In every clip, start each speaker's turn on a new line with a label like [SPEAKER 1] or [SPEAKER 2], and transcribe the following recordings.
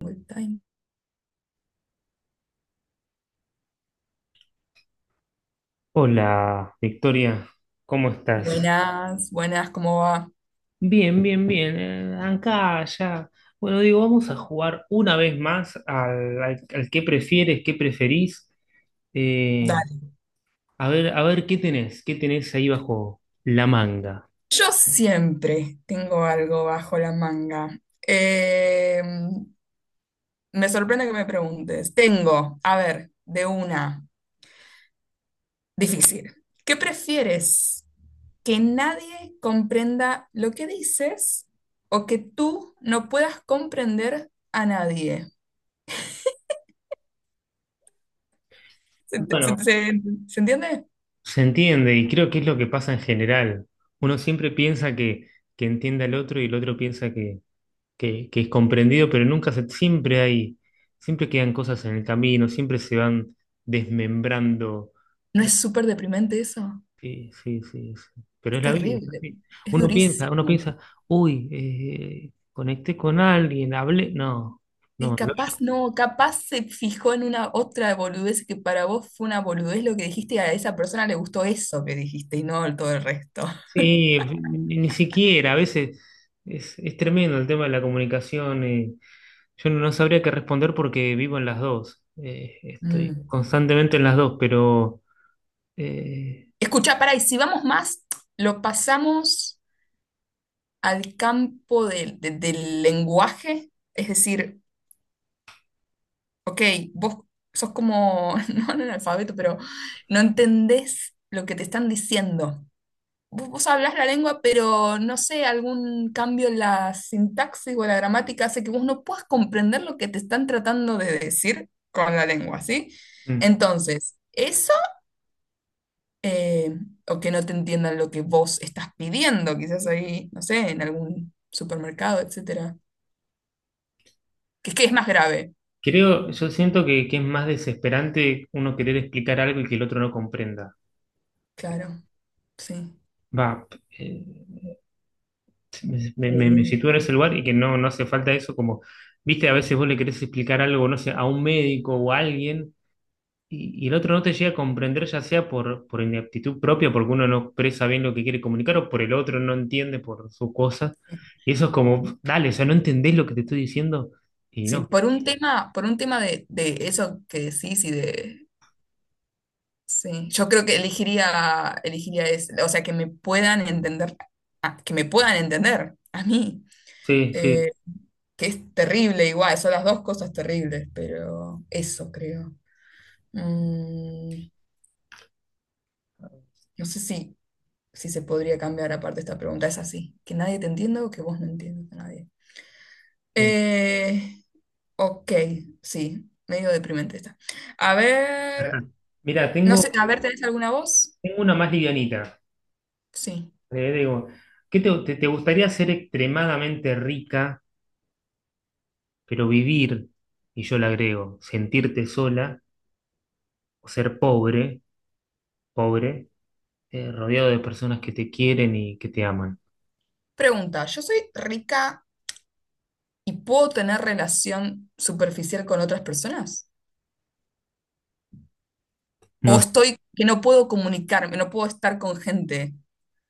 [SPEAKER 1] Full time.
[SPEAKER 2] Hola, Victoria, ¿cómo estás?
[SPEAKER 1] Buenas, buenas, ¿cómo va?
[SPEAKER 2] Bien, bien, bien. Acá, allá. Bueno, digo, vamos a jugar una vez más al qué prefieres, qué preferís. Eh,
[SPEAKER 1] Dale.
[SPEAKER 2] a ver, a ver, ¿qué tenés? ¿Qué tenés ahí bajo la manga?
[SPEAKER 1] Yo siempre tengo algo bajo la manga. Eh, Me sorprende que me preguntes. Tengo, a ver, de una, difícil. ¿Qué prefieres? ¿Que nadie comprenda lo que dices o que tú no puedas comprender a nadie? ¿Se,
[SPEAKER 2] Bueno,
[SPEAKER 1] se- se- Se entiende?
[SPEAKER 2] se entiende y creo que es lo que pasa en general. Uno siempre piensa que entiende al otro y el otro piensa que es comprendido, pero nunca se, siempre hay, siempre quedan cosas en el camino, siempre se van desmembrando.
[SPEAKER 1] ¿No
[SPEAKER 2] Lo-
[SPEAKER 1] es súper deprimente eso?
[SPEAKER 2] Sí, sí, sí, sí. Pero
[SPEAKER 1] Es
[SPEAKER 2] es la vida, es
[SPEAKER 1] terrible,
[SPEAKER 2] así.
[SPEAKER 1] es
[SPEAKER 2] Uno
[SPEAKER 1] durísimo.
[SPEAKER 2] piensa, uy, conecté con alguien, hablé. No,
[SPEAKER 1] Y
[SPEAKER 2] no,
[SPEAKER 1] capaz no, capaz se fijó en una otra boludez que para vos fue una boludez lo que dijiste y a esa persona le gustó eso que dijiste y no todo el resto.
[SPEAKER 2] sí, ni, ni siquiera, a veces es tremendo el tema de la comunicación. Yo no sabría qué responder porque vivo en las dos. Estoy
[SPEAKER 1] Mm.
[SPEAKER 2] constantemente en las dos, pero eh,
[SPEAKER 1] Escuchá, pará, y si vamos más, lo pasamos al campo del lenguaje, es decir, ok, vos sos como, no analfabeto, pero no entendés lo que te están diciendo. Vos hablás la lengua, pero no sé, algún cambio en la sintaxis o en la gramática hace que vos no puedas comprender lo que te están tratando de decir con la lengua, ¿sí?
[SPEAKER 2] mm,
[SPEAKER 1] Entonces, eso, eh, o que no te entiendan lo que vos estás pidiendo, quizás ahí, no sé, en algún supermercado, etcétera, que es más grave,
[SPEAKER 2] creo, yo siento que es más desesperante uno querer explicar algo y que el otro no comprenda.
[SPEAKER 1] claro, sí.
[SPEAKER 2] Va, eh, me
[SPEAKER 1] Eh,
[SPEAKER 2] sitúo en ese lugar y que no, no hace falta eso, como, viste, a veces vos le querés explicar algo, no sé, a un médico o a alguien y el otro no te llega a comprender, ya sea por ineptitud propia, porque uno no expresa bien lo que quiere comunicar o por el otro no entiende por su cosa. Y eso es como, dale, o sea, no entendés lo que te estoy diciendo y
[SPEAKER 1] sí,
[SPEAKER 2] no.
[SPEAKER 1] por un tema de eso que decís y de sí, yo creo que elegiría es, o sea, que me puedan entender, ah, que me puedan entender a mí,
[SPEAKER 2] Sí,
[SPEAKER 1] eh,
[SPEAKER 2] sí.
[SPEAKER 1] que es terrible igual, son las dos cosas terribles, pero eso creo. Mm, no sé si, si se podría cambiar aparte esta pregunta, es así, que nadie te entienda o que vos no entiendas a nadie.
[SPEAKER 2] Eh,
[SPEAKER 1] Eh, ok, sí, medio deprimente está. A ver,
[SPEAKER 2] ajá. Mira,
[SPEAKER 1] no
[SPEAKER 2] tengo,
[SPEAKER 1] sé, a ver, ¿tenés alguna voz?
[SPEAKER 2] tengo una más livianita.
[SPEAKER 1] Sí.
[SPEAKER 2] Digo, ¿qué te, te gustaría ser extremadamente rica, pero vivir, y yo le agrego, sentirte sola, o ser pobre, pobre, rodeado de personas que te quieren y que te aman?
[SPEAKER 1] Pregunta, ¿yo soy rica y puedo tener relación superficial con otras personas?
[SPEAKER 2] No,
[SPEAKER 1] ¿O estoy que no puedo comunicarme, no puedo estar con gente?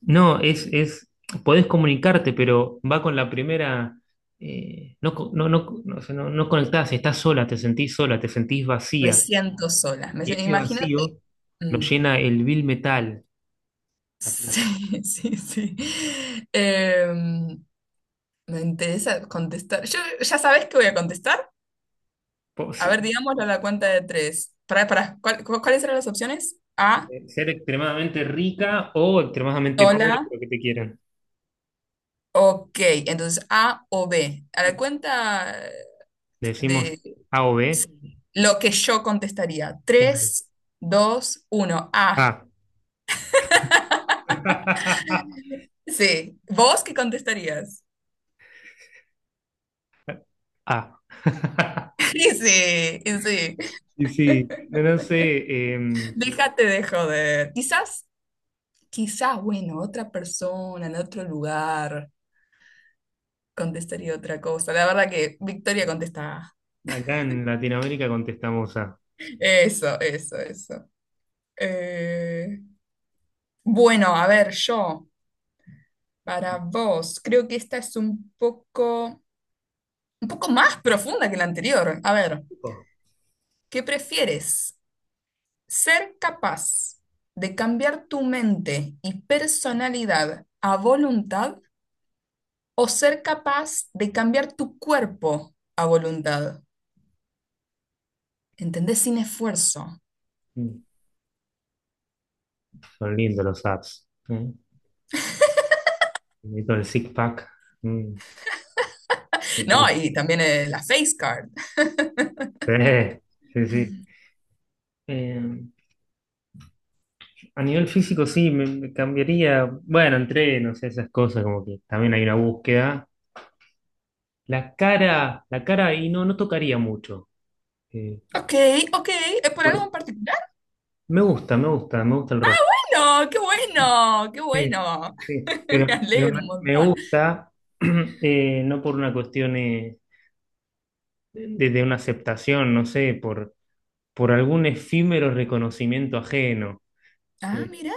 [SPEAKER 2] no, es, podés comunicarte, pero va con la primera, no, no, no, no, o sea, no conectás, estás sola, te sentís
[SPEAKER 1] Me
[SPEAKER 2] vacía,
[SPEAKER 1] siento sola.
[SPEAKER 2] y ese
[SPEAKER 1] Imagínate.
[SPEAKER 2] vacío lo
[SPEAKER 1] Mm,
[SPEAKER 2] llena el vil metal, la plata.
[SPEAKER 1] sí, sí, sí. Em, Me interesa contestar. Yo, ¿ya sabes qué voy a contestar? A ver, digámoslo a la cuenta de tres. Para, ¿cuáles eran las opciones? A,
[SPEAKER 2] Ser extremadamente rica o extremadamente pobre,
[SPEAKER 1] sola.
[SPEAKER 2] pero que te quieran.
[SPEAKER 1] Ok, entonces A o B. A la cuenta
[SPEAKER 2] Decimos
[SPEAKER 1] de
[SPEAKER 2] A o B.
[SPEAKER 1] sí. Lo que yo contestaría. Tres, dos, uno. A.
[SPEAKER 2] A.
[SPEAKER 1] Sí. ¿Vos qué contestarías?
[SPEAKER 2] A.
[SPEAKER 1] Y sí, y sí.
[SPEAKER 2] Y sí, no sé, eh,
[SPEAKER 1] Déjate de joder. Quizás, quizás, bueno, otra persona en otro lugar contestaría otra cosa. La verdad que Victoria contesta. A.
[SPEAKER 2] acá en Latinoamérica contestamos A.
[SPEAKER 1] Eso, eso, eso. Eh, bueno, a ver, yo, para vos, creo que esta es un poco más profunda que la anterior. A ver,
[SPEAKER 2] Oh,
[SPEAKER 1] ¿qué prefieres? Ser capaz de cambiar tu mente y personalidad a voluntad o ser capaz de cambiar tu cuerpo a voluntad. ¿Entendés? Sin esfuerzo.
[SPEAKER 2] mm, son lindos los apps. ¿Eh? Y todo el six pack. Mm, qué
[SPEAKER 1] No,
[SPEAKER 2] lindo.
[SPEAKER 1] y también la face card.
[SPEAKER 2] Sí, sí. Sí. Eh, a nivel físico sí, me cambiaría, bueno, entrenos, esas cosas, como que también hay una búsqueda. La cara ahí no, no tocaría mucho. Eh,
[SPEAKER 1] Ok, ok. ¿Es por algo
[SPEAKER 2] por-
[SPEAKER 1] en particular?
[SPEAKER 2] Me gusta, me gusta, me gusta el rostro.
[SPEAKER 1] No, qué bueno, qué
[SPEAKER 2] Sí,
[SPEAKER 1] bueno.
[SPEAKER 2] sí,
[SPEAKER 1] Me
[SPEAKER 2] pero
[SPEAKER 1] alegro
[SPEAKER 2] me,
[SPEAKER 1] un
[SPEAKER 2] me
[SPEAKER 1] montón.
[SPEAKER 2] gusta, no por una cuestión de una aceptación, no sé, por algún efímero reconocimiento ajeno.
[SPEAKER 1] Ah,
[SPEAKER 2] eh,
[SPEAKER 1] mirá,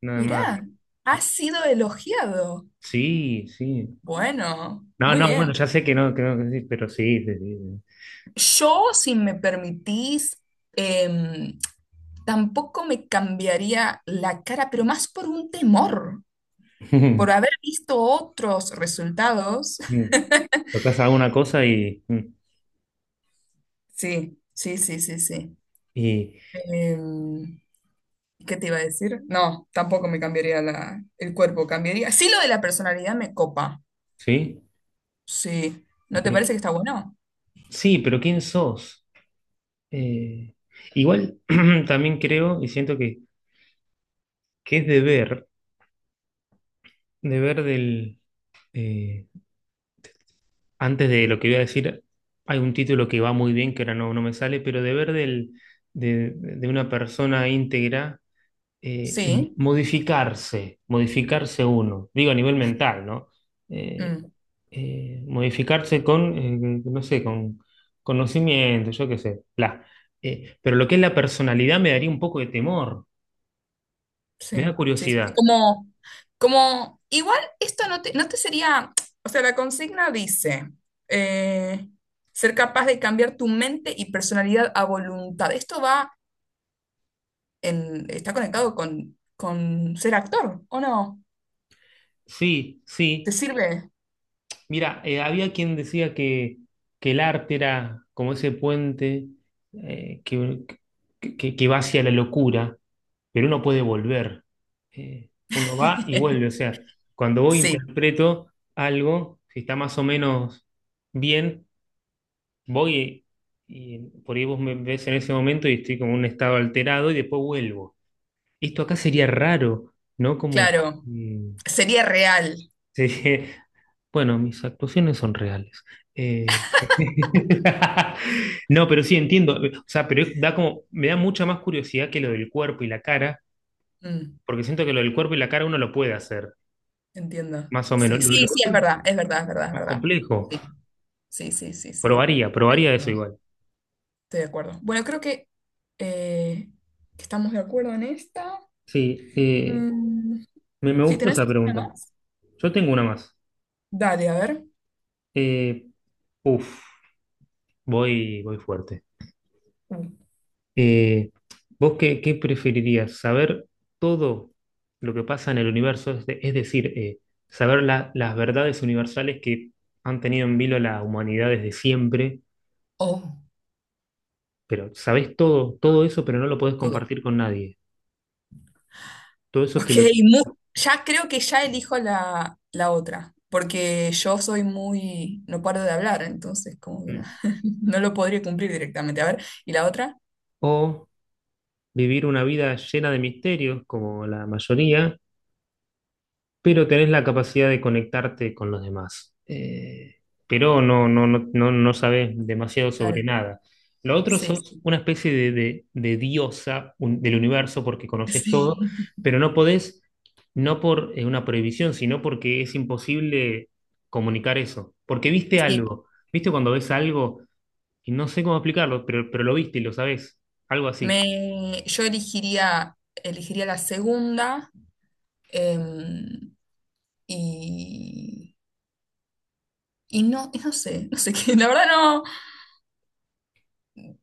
[SPEAKER 2] Nada más.
[SPEAKER 1] mirá. Ha sido elogiado.
[SPEAKER 2] Sí, sí.
[SPEAKER 1] Bueno,
[SPEAKER 2] No,
[SPEAKER 1] muy
[SPEAKER 2] no, bueno,
[SPEAKER 1] bien.
[SPEAKER 2] ya sé que no, que no, que sí, pero sí, sí, sí.
[SPEAKER 1] Yo, si me permitís, em, tampoco me cambiaría la cara, pero más por un temor, por haber visto otros resultados.
[SPEAKER 2] Mm. Mm. Tocas alguna cosa y,
[SPEAKER 1] Sí, sí, sí, sí, sí.
[SPEAKER 2] y
[SPEAKER 1] Em, ¿Qué te iba a decir? No, tampoco me cambiaría la, el cuerpo, cambiaría. Sí, lo de la personalidad me copa.
[SPEAKER 2] sí.
[SPEAKER 1] Sí. ¿No te
[SPEAKER 2] Pero-
[SPEAKER 1] parece que está bueno?
[SPEAKER 2] sí, pero ¿quién sos? Eh, Igual también creo y siento que es deber, deber del... eh, antes de lo que voy a decir, hay un título que va muy bien, que ahora no, no me sale, pero deber del, de una persona íntegra, eh,
[SPEAKER 1] Sí.
[SPEAKER 2] modificarse, modificarse uno, digo a nivel mental, ¿no? Eh,
[SPEAKER 1] Mm.
[SPEAKER 2] Modificarse con, no sé, con conocimiento, yo qué sé, bla. Pero lo que es la personalidad me daría un poco de temor,
[SPEAKER 1] Sí,
[SPEAKER 2] me da
[SPEAKER 1] sí, sí,
[SPEAKER 2] curiosidad.
[SPEAKER 1] como, como, igual esto no te, no te sería, o sea, la consigna dice, eh, ser capaz de cambiar tu mente y personalidad a voluntad. Esto va en, está conectado con ser actor, ¿o no?
[SPEAKER 2] Sí,
[SPEAKER 1] ¿Te
[SPEAKER 2] sí.
[SPEAKER 1] sirve?
[SPEAKER 2] Mira, había quien decía que el arte era como ese puente que, que va hacia la locura, pero uno puede volver. Uno va y vuelve. O sea, cuando voy
[SPEAKER 1] Sí,
[SPEAKER 2] interpreto algo, si está más o menos bien, voy y por ahí vos me ves en ese momento y estoy como en un estado alterado y después vuelvo. Esto acá sería raro, ¿no? Como...
[SPEAKER 1] claro,
[SPEAKER 2] mm,
[SPEAKER 1] sería real.
[SPEAKER 2] sí, bueno, mis actuaciones son reales. Eh, No, pero sí entiendo. O sea, pero da como, me da mucha más curiosidad que lo del cuerpo y la cara,
[SPEAKER 1] Mm,
[SPEAKER 2] porque siento que lo del cuerpo y la cara uno lo puede hacer,
[SPEAKER 1] entiendo.
[SPEAKER 2] más o menos.
[SPEAKER 1] Sí,
[SPEAKER 2] Lo
[SPEAKER 1] sí, sí, es
[SPEAKER 2] otro es
[SPEAKER 1] verdad, es verdad, es verdad, es
[SPEAKER 2] más
[SPEAKER 1] verdad.
[SPEAKER 2] complejo.
[SPEAKER 1] Sí, sí, sí, sí, sí.
[SPEAKER 2] Probaría, probaría eso igual.
[SPEAKER 1] Estoy de acuerdo. Bueno, creo eh, que estamos de acuerdo en esta.
[SPEAKER 2] Sí,
[SPEAKER 1] Mm,
[SPEAKER 2] me, me
[SPEAKER 1] si
[SPEAKER 2] gustó
[SPEAKER 1] tenés
[SPEAKER 2] esa pregunta.
[SPEAKER 1] alguna más,
[SPEAKER 2] Yo tengo una más.
[SPEAKER 1] dale, a ver.
[SPEAKER 2] Eh, Uf, voy, voy fuerte.
[SPEAKER 1] Uh,
[SPEAKER 2] Eh, ¿Vos qué, qué preferirías? ¿Saber todo lo que pasa en el universo? Es, es decir, saber las verdades universales que han tenido en vilo la humanidad desde siempre,
[SPEAKER 1] Oh,
[SPEAKER 2] pero sabés todo, todo eso, pero no lo podés
[SPEAKER 1] todo. Todo.
[SPEAKER 2] compartir con nadie. Todo eso
[SPEAKER 1] Ok,
[SPEAKER 2] te lo...
[SPEAKER 1] mu- ya creo que ya elijo la, la otra, porque yo soy muy, no paro de hablar, entonces como que no,
[SPEAKER 2] Mm.
[SPEAKER 1] no lo podría cumplir directamente. A ver, ¿y la otra?
[SPEAKER 2] O vivir una vida llena de misterios, como la mayoría, pero tenés la capacidad de conectarte con los demás. Pero no, no, no, no, no sabes demasiado sobre
[SPEAKER 1] Claro,
[SPEAKER 2] nada. Lo otro
[SPEAKER 1] sí,
[SPEAKER 2] sos una especie de, de diosa del universo porque conoces todo,
[SPEAKER 1] sí.
[SPEAKER 2] pero no podés, no por una prohibición, sino porque es imposible comunicar eso. Porque viste
[SPEAKER 1] Sí.
[SPEAKER 2] algo, viste cuando ves algo y no sé cómo explicarlo, pero lo viste y lo sabés, algo así.
[SPEAKER 1] Me, yo elegiría la segunda. em, y y no, y no sé, no sé qué, la verdad no.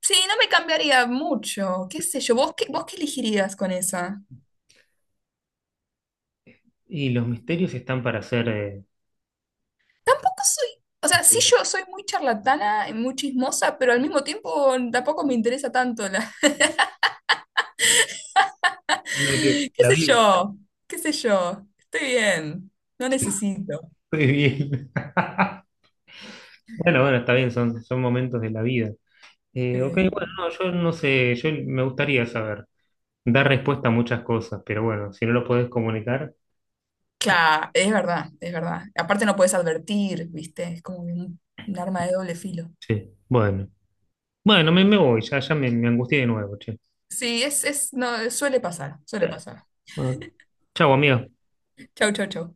[SPEAKER 1] Sí, no me cambiaría mucho, qué sé yo, vos qué elegirías con esa?
[SPEAKER 2] Y los misterios están para ser
[SPEAKER 1] Tampoco soy, o sea, sí
[SPEAKER 2] descubiertos.
[SPEAKER 1] yo soy muy charlatana, y muy chismosa, pero al mismo tiempo tampoco me interesa tanto la...
[SPEAKER 2] La que
[SPEAKER 1] qué
[SPEAKER 2] la
[SPEAKER 1] sé
[SPEAKER 2] vive.
[SPEAKER 1] yo, qué sé yo, estoy bien, no necesito.
[SPEAKER 2] Muy bien. Bueno, bueno, está bien, son, son momentos de la vida. Ok,
[SPEAKER 1] Eh,
[SPEAKER 2] bueno, no, yo no sé, yo me gustaría saber, dar respuesta a muchas cosas, pero bueno, si no lo podés comunicar, eh,
[SPEAKER 1] claro, es verdad, es verdad. Aparte no puedes advertir, ¿viste? Es como un arma de doble filo.
[SPEAKER 2] sí, bueno. Bueno, me voy, ya, me angustié de nuevo, che.
[SPEAKER 1] Sí, es, no, suele pasar, suele
[SPEAKER 2] Eh,
[SPEAKER 1] pasar.
[SPEAKER 2] Bueno, chau, amiga.
[SPEAKER 1] Chau, chau, chau.